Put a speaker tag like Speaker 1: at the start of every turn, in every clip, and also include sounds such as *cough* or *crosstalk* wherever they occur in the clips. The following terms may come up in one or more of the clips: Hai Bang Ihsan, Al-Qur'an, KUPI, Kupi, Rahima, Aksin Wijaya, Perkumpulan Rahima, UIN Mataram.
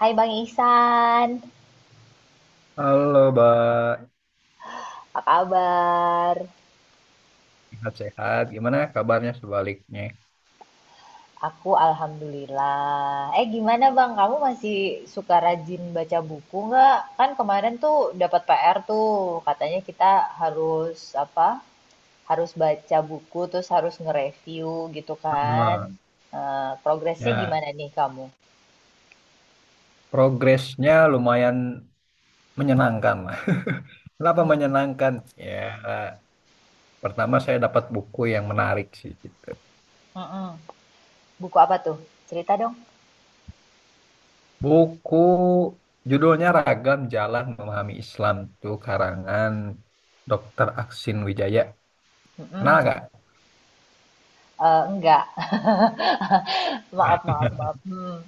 Speaker 1: Hai Bang Ihsan,
Speaker 2: Halo, Mbak.
Speaker 1: apa kabar?
Speaker 2: Sehat-sehat. Gimana kabarnya sebaliknya?
Speaker 1: Aku alhamdulillah. Eh gimana Bang, kamu masih suka rajin baca buku nggak? Kan kemarin tuh dapat PR tuh, katanya kita harus apa? Harus baca buku terus harus nge-review gitu kan.
Speaker 2: Ah,
Speaker 1: Eh, progresnya
Speaker 2: ya,
Speaker 1: gimana nih kamu?
Speaker 2: Progresnya lumayan menyenangkan lah. *laughs* Kenapa
Speaker 1: Hmm.
Speaker 2: menyenangkan? Ya, Pertama saya dapat buku yang menarik sih gitu.
Speaker 1: Mm-mm. Buku apa tuh? Cerita dong.
Speaker 2: Buku judulnya Ragam Jalan Memahami Islam, itu karangan Dokter Aksin Wijaya. Kenal
Speaker 1: Mm-mm.
Speaker 2: nggak?
Speaker 1: Eh, enggak. *laughs* Maaf,
Speaker 2: Nggak.
Speaker 1: maaf, maaf. Hmm.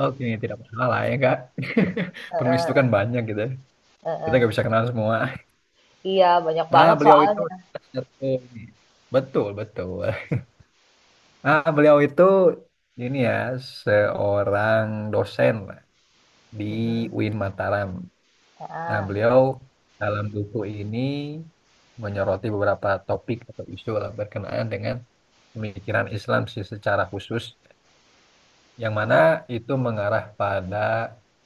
Speaker 2: Oke, tidak masalah ya, Kak.
Speaker 1: Eh,
Speaker 2: *laughs* Penulis
Speaker 1: eh,
Speaker 2: itu kan
Speaker 1: eh,
Speaker 2: banyak gitu. Ya,
Speaker 1: eh,
Speaker 2: kita
Speaker 1: eh.
Speaker 2: nggak bisa kenal semua.
Speaker 1: Iya, banyak
Speaker 2: Ah,
Speaker 1: banget
Speaker 2: beliau itu
Speaker 1: soalnya.
Speaker 2: satu ini. Betul betul. Ah, beliau itu ini ya, seorang dosen lah di
Speaker 1: Mhm,
Speaker 2: UIN Mataram. Nah,
Speaker 1: heeh.
Speaker 2: beliau dalam buku ini menyoroti beberapa topik atau isu lah berkenaan dengan pemikiran Islam sih secara khusus, yang mana itu mengarah pada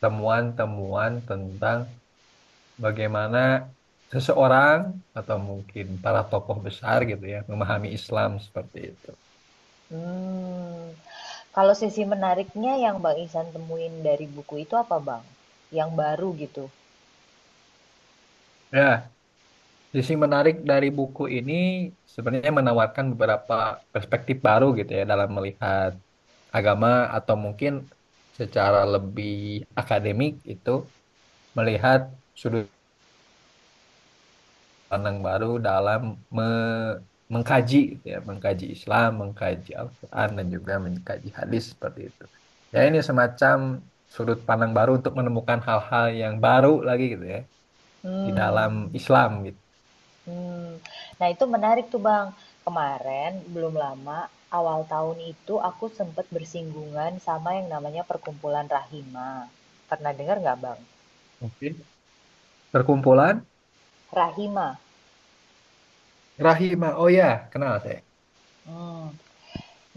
Speaker 2: temuan-temuan tentang bagaimana seseorang atau mungkin para tokoh besar gitu ya memahami Islam seperti itu.
Speaker 1: Mmm. Kalau sisi menariknya yang Bang Ihsan temuin dari buku itu apa, Bang? Yang baru gitu?
Speaker 2: Ya, sisi menarik dari buku ini sebenarnya menawarkan beberapa perspektif baru gitu ya dalam melihat agama atau mungkin secara lebih akademik itu melihat sudut pandang baru dalam me- mengkaji gitu ya, mengkaji Islam, mengkaji Al-Quran dan juga mengkaji hadis seperti itu. Ya ini semacam sudut pandang baru untuk menemukan hal-hal yang baru lagi gitu ya di dalam
Speaker 1: Hmm,
Speaker 2: Islam gitu.
Speaker 1: mmm. Nah, itu menarik tuh, Bang. Kemarin belum lama, awal tahun itu aku sempet bersinggungan sama yang namanya perkumpulan Rahima. Pernah dengar nggak, Bang?
Speaker 2: Oke. Perkumpulan
Speaker 1: Rahima,
Speaker 2: Rahima, oh ya, kenal saya.
Speaker 1: mmm.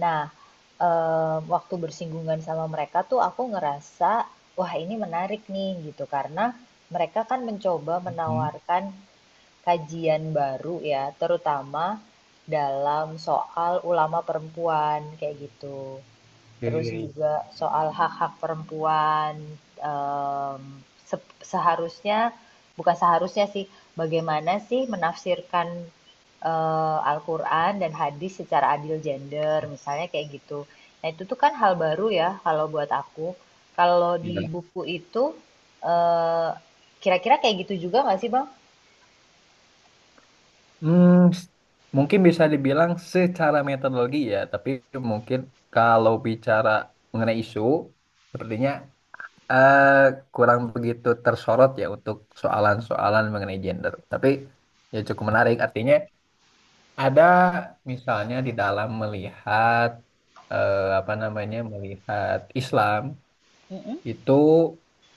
Speaker 1: Nah, waktu bersinggungan sama mereka tuh aku ngerasa, wah ini menarik nih gitu, karena mereka kan mencoba
Speaker 2: Hmm.
Speaker 1: menawarkan kajian baru ya, terutama dalam soal ulama perempuan, kayak gitu, terus
Speaker 2: Hmm.
Speaker 1: juga soal hak-hak perempuan em, seharusnya, bukan seharusnya sih, bagaimana sih menafsirkan Al-Qur'an dan hadis secara adil gender misalnya kayak gitu. Nah, itu tuh kan hal baru ya kalau buat aku. Kalau di
Speaker 2: Iya.
Speaker 1: buku itu eh, kira-kira kayak gitu juga nggak sih, Bang?
Speaker 2: Hmm, s- Mungkin bisa dibilang secara metodologi ya, tapi mungkin kalau bicara mengenai isu, sepertinya eh, kurang begitu tersorot ya untuk soalan-soalan mengenai gender. Tapi ya cukup menarik, artinya ada misalnya di dalam melihat apa namanya, melihat Islam
Speaker 1: Mm-mm.
Speaker 2: itu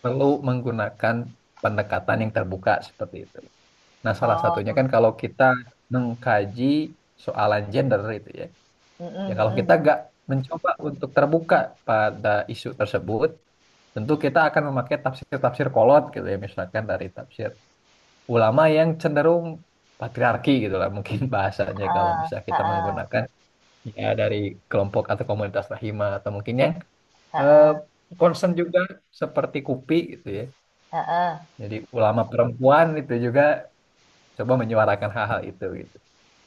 Speaker 2: perlu menggunakan pendekatan yang terbuka seperti itu. Nah, salah
Speaker 1: Oh,
Speaker 2: satunya kan kalau kita mengkaji soalan gender itu ya.
Speaker 1: mm,
Speaker 2: Ya
Speaker 1: mm,
Speaker 2: kalau kita
Speaker 1: mm.
Speaker 2: nggak mencoba untuk terbuka pada isu tersebut, tentu kita akan memakai tafsir-tafsir kolot gitu ya, misalkan dari tafsir ulama yang cenderung patriarki gitu lah mungkin *laughs* bahasanya, kalau
Speaker 1: Ha-ah,
Speaker 2: misalnya kita
Speaker 1: ha-ah,
Speaker 2: menggunakan ya dari kelompok atau komunitas rahimah atau mungkin yang eh,
Speaker 1: ha-ah,
Speaker 2: concern juga seperti KUPI gitu ya.
Speaker 1: ha-ah,
Speaker 2: Jadi ulama perempuan itu juga coba menyuarakan hal-hal itu gitu.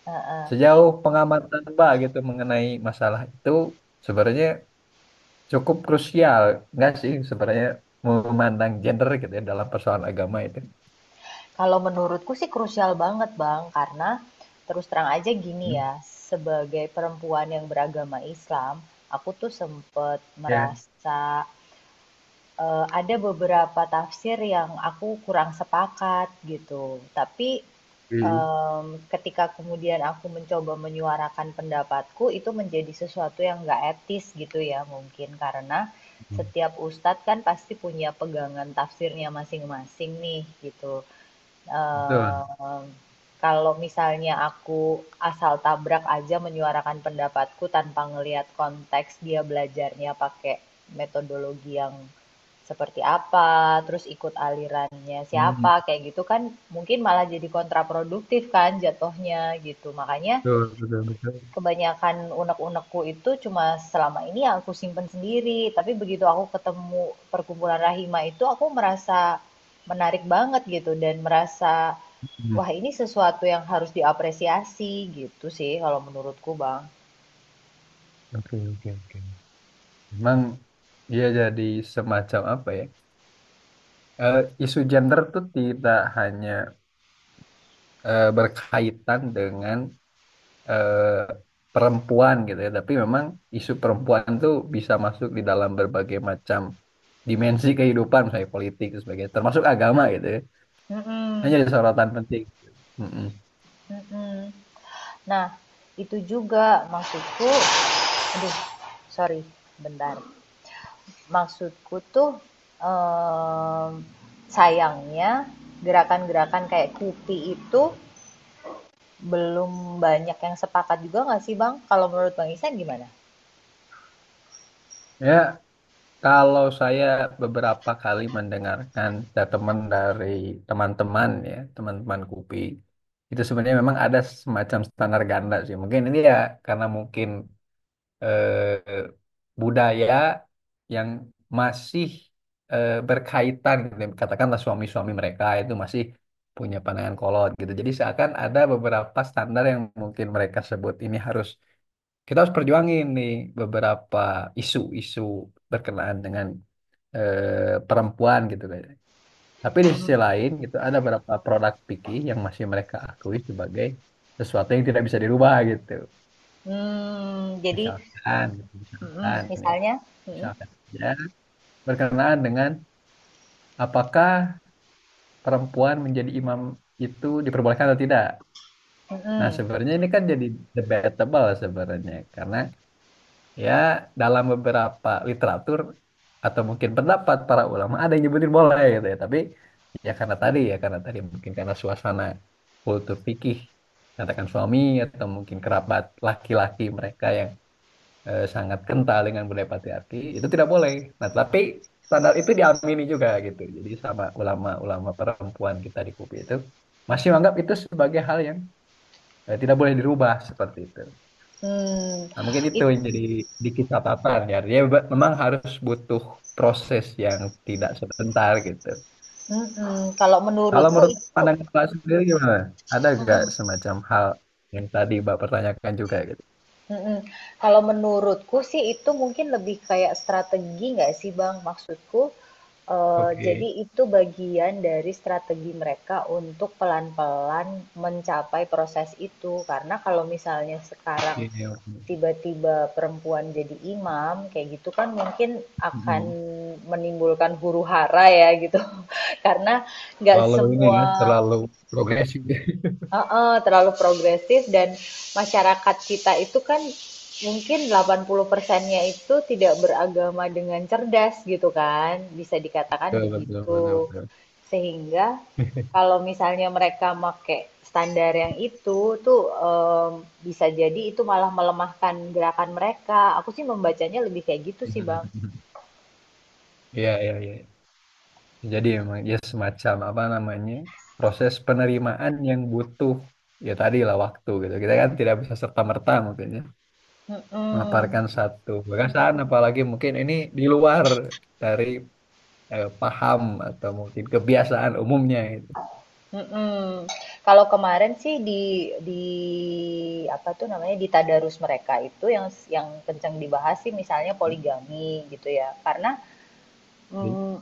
Speaker 1: ha-ah.
Speaker 2: Sejauh pengamatan Mbak gitu mengenai masalah itu, sebenarnya cukup krusial nggak sih sebenarnya memandang gender gitu ya dalam persoalan agama itu.
Speaker 1: Kalau menurutku sih krusial banget, Bang. Karena terus terang aja gini ya,
Speaker 2: Hmm.
Speaker 1: sebagai perempuan yang beragama Islam, aku tuh sempet
Speaker 2: Ya.
Speaker 1: merasa ada beberapa tafsir yang aku kurang sepakat gitu. Tapi
Speaker 2: Hmm.
Speaker 1: em, ketika kemudian aku mencoba menyuarakan pendapatku, itu menjadi sesuatu yang nggak etis gitu ya, mungkin karena
Speaker 2: Hmm.
Speaker 1: setiap ustadz kan pasti punya pegangan tafsirnya masing-masing nih gitu.
Speaker 2: Betul.
Speaker 1: Eee, Kalau misalnya aku asal tabrak aja menyuarakan pendapatku tanpa ngelihat konteks dia belajarnya pakai metodologi yang seperti apa, terus ikut alirannya
Speaker 2: Hmm.
Speaker 1: siapa, kayak gitu kan mungkin malah jadi kontraproduktif kan jatuhnya gitu. Makanya
Speaker 2: Betul, betul, betul.
Speaker 1: kebanyakan unek-unekku itu cuma selama ini ya aku simpen sendiri. Tapi begitu aku ketemu perkumpulan Rahima itu aku merasa menarik banget gitu, dan merasa
Speaker 2: Hmm.
Speaker 1: wah ini sesuatu yang harus diapresiasi gitu sih kalau menurutku Bang.
Speaker 2: Oke, oke, oke. Memang dia jadi semacam apa ya? Eh, Isu gender tuh tidak hanya berkaitan dengan eh, perempuan gitu ya. Tapi memang isu perempuan tuh bisa masuk di dalam berbagai macam dimensi kehidupan, misalnya politik dan sebagainya, termasuk agama gitu ya. Hanya
Speaker 1: Mm-mm.
Speaker 2: jadi sorotan penting. Mm-mm.
Speaker 1: Mm-mm. Nah, itu juga maksudku, aduh, sorry, bentar. Maksudku tuh em, sayangnya gerakan-gerakan kayak Kupi itu belum banyak yang sepakat juga nggak sih, Bang? Kalau menurut Bang Ihsan gimana?
Speaker 2: Ya, kalau saya beberapa kali mendengarkan dari teman-teman ya, teman-teman kupi, itu sebenarnya memang ada semacam standar ganda sih. Mungkin ini ya karena mungkin eh, budaya yang masih berkaitan, gitu. Katakanlah suami-suami mereka itu masih punya pandangan kolot gitu. Jadi seakan ada beberapa standar yang mungkin mereka sebut ini harus, kita harus perjuangin nih beberapa isu-isu berkenaan dengan perempuan gitu, kan. Tapi di sisi lain gitu ada beberapa produk fikih yang masih mereka akui sebagai sesuatu yang tidak bisa dirubah gitu.
Speaker 1: Mmm, jadi.
Speaker 2: Misalkan,
Speaker 1: Mhm,
Speaker 2: misalkan ya.
Speaker 1: misalnya. Mhm.
Speaker 2: Misalkan ya, berkenaan dengan apakah perempuan menjadi imam itu diperbolehkan atau tidak. Nah,
Speaker 1: Mhm.
Speaker 2: sebenarnya ini kan jadi debatable sebenarnya karena ya dalam beberapa literatur atau mungkin pendapat para ulama ada yang nyebutin boleh gitu ya, tapi ya karena tadi, ya karena tadi mungkin karena suasana kultur fikih, katakan suami atau mungkin kerabat laki-laki mereka yang sangat kental dengan budaya patriarki itu tidak boleh. Nah, tapi standar itu diamini juga gitu. Jadi sama ulama-ulama perempuan kita di KUPI itu masih menganggap itu sebagai hal yang tidak boleh dirubah seperti itu.
Speaker 1: Mmm.
Speaker 2: Nah, mungkin itu
Speaker 1: It.
Speaker 2: yang jadi dikit catatan ya. Dia memang harus butuh proses yang tidak sebentar gitu.
Speaker 1: Mhm. Kalau
Speaker 2: Kalau
Speaker 1: menurutku
Speaker 2: menurut
Speaker 1: itu.
Speaker 2: pandangan Mbak sendiri gimana? Ada nggak
Speaker 1: Mhm.
Speaker 2: semacam hal yang tadi Mbak pertanyakan juga gitu?
Speaker 1: Mhm. Kalau menurutku sih itu mungkin lebih kayak strategi nggak sih, Bang? Maksudku, jadi
Speaker 2: Oke,
Speaker 1: itu bagian dari strategi mereka untuk pelan-pelan mencapai proses itu. Karena kalau misalnya sekarang
Speaker 2: oke, oke.
Speaker 1: tiba-tiba perempuan jadi imam kayak gitu kan mungkin akan
Speaker 2: Mm-mm.
Speaker 1: menimbulkan huru hara ya gitu. *laughs* Karena nggak
Speaker 2: Terlalu ini
Speaker 1: semua,
Speaker 2: ya, terlalu progresif. *laughs*
Speaker 1: heeh, terlalu progresif, dan masyarakat kita itu kan mungkin 80%-nya itu tidak beragama dengan cerdas gitu kan, bisa dikatakan
Speaker 2: Betul, betul,
Speaker 1: begitu.
Speaker 2: betul, betul.
Speaker 1: Sehingga kalau misalnya mereka make standar yang itu tuh, bisa jadi itu malah melemahkan gerakan mereka. Aku sih membacanya lebih kayak gitu sih, Bang.
Speaker 2: *laughs* Iya, iya, iya. Jadi emang ya semacam apa namanya, proses penerimaan yang butuh ya tadi lah, waktu gitu. Kita kan tidak bisa serta-merta mungkin ya
Speaker 1: Mm-mm.
Speaker 2: memaparkan satu perasaan, apalagi mungkin ini di luar dari paham atau mungkin kebiasaan umumnya gitu.
Speaker 1: Mhm. Kalau kemarin sih di apa tuh namanya, di tadarus mereka itu yang kencang dibahas sih misalnya poligami gitu ya. Karena, mmm,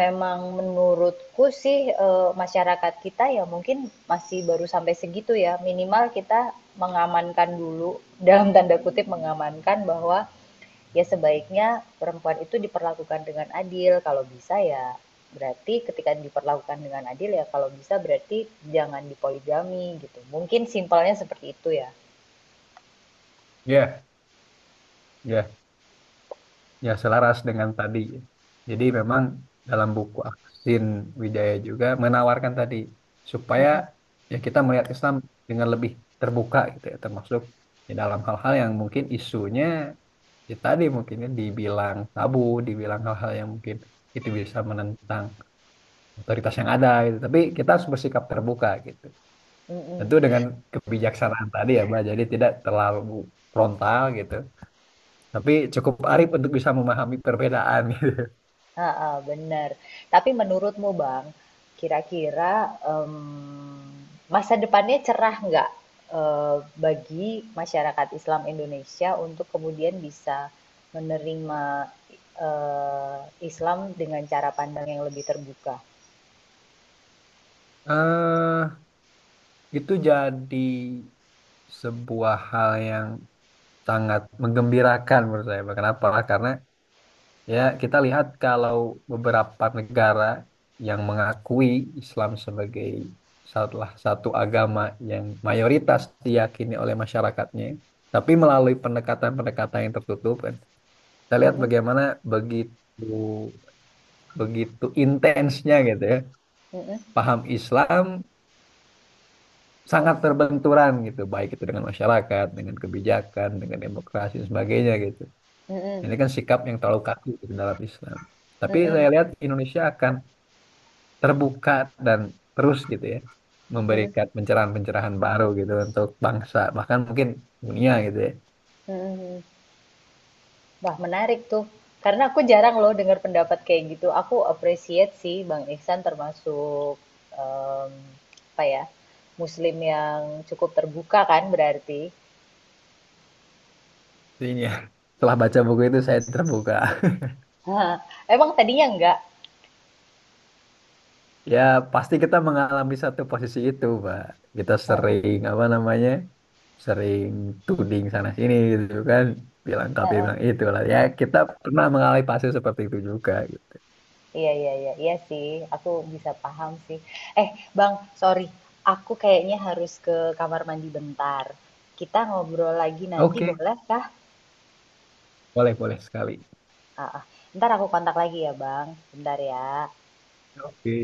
Speaker 1: memang menurutku sih, masyarakat kita ya mungkin masih baru sampai segitu ya. Minimal kita mengamankan dulu, dalam tanda kutip "mengamankan", bahwa ya sebaiknya perempuan itu diperlakukan dengan adil. Kalau bisa ya, berarti ketika diperlakukan dengan adil ya kalau bisa berarti jangan dipoligami gitu. Mungkin simpelnya seperti itu ya.
Speaker 2: Iya, iya. Ya, selaras dengan tadi. Jadi memang dalam buku Aksin Wijaya juga menawarkan tadi supaya
Speaker 1: Mm-mm.
Speaker 2: ya kita melihat Islam dengan lebih terbuka gitu ya, termasuk di dalam hal-hal yang mungkin isunya ya tadi mungkinnya dibilang tabu, dibilang hal-hal yang mungkin itu bisa menentang otoritas yang ada gitu. Tapi kita harus bersikap terbuka gitu.
Speaker 1: Mm-mm.
Speaker 2: Tentu dengan kebijaksanaan tadi ya, Mbak. Jadi tidak terlalu frontal gitu. Tapi cukup arif untuk bisa memahami perbedaan *laughs* gitu.
Speaker 1: Ha, ha, bener. Tapi menurutmu Bang, kira-kira em, masa depannya cerah nggak eh, bagi masyarakat Islam Indonesia untuk kemudian bisa menerima eh, Islam dengan cara pandang yang lebih terbuka?
Speaker 2: eh itu jadi sebuah hal yang sangat menggembirakan menurut saya. Kenapa? Karena ya kita lihat kalau beberapa negara yang mengakui Islam sebagai salah satu agama yang mayoritas diyakini oleh masyarakatnya, tapi melalui pendekatan-pendekatan yang tertutup kan. Kita lihat
Speaker 1: Mhm,
Speaker 2: bagaimana begitu begitu intensnya gitu ya.
Speaker 1: mhm,
Speaker 2: Paham Islam sangat terbenturan gitu, baik itu dengan masyarakat, dengan kebijakan, dengan demokrasi dan sebagainya gitu.
Speaker 1: mhm,
Speaker 2: Ini kan sikap yang terlalu kaku gitu dalam Islam. Tapi
Speaker 1: mhm,
Speaker 2: saya lihat Indonesia akan terbuka dan terus gitu ya
Speaker 1: mhm,
Speaker 2: memberikan pencerahan-pencerahan baru gitu untuk bangsa, bahkan mungkin dunia gitu ya.
Speaker 1: mhm. Wah, menarik tuh. Karena aku jarang loh dengar pendapat kayak gitu. Aku appreciate sih Bang Iksan termasuk, em, apa ya? Muslim yang cukup terbuka kan berarti.
Speaker 2: Jadi ya, setelah baca buku itu saya terbuka.
Speaker 1: *laughs* Hah, emang tadinya enggak?
Speaker 2: Ya, pasti kita mengalami satu posisi itu, Pak. Kita
Speaker 1: *laughs*
Speaker 2: sering, apa namanya, sering tuding sana-sini gitu kan. Bilang tapi
Speaker 1: Heeh.
Speaker 2: bilang itu lah. Ya, kita pernah mengalami fase seperti itu juga gitu.
Speaker 1: Iya, iya, iya, iya sih. Aku bisa paham sih. Eh, Bang, sorry. Aku kayaknya harus ke kamar mandi bentar. Kita ngobrol lagi nanti
Speaker 2: Oke,
Speaker 1: boleh kah?
Speaker 2: boleh-boleh sekali.
Speaker 1: Heeh. Entar aku kontak lagi ya, Bang. Bentar ya.
Speaker 2: Oke.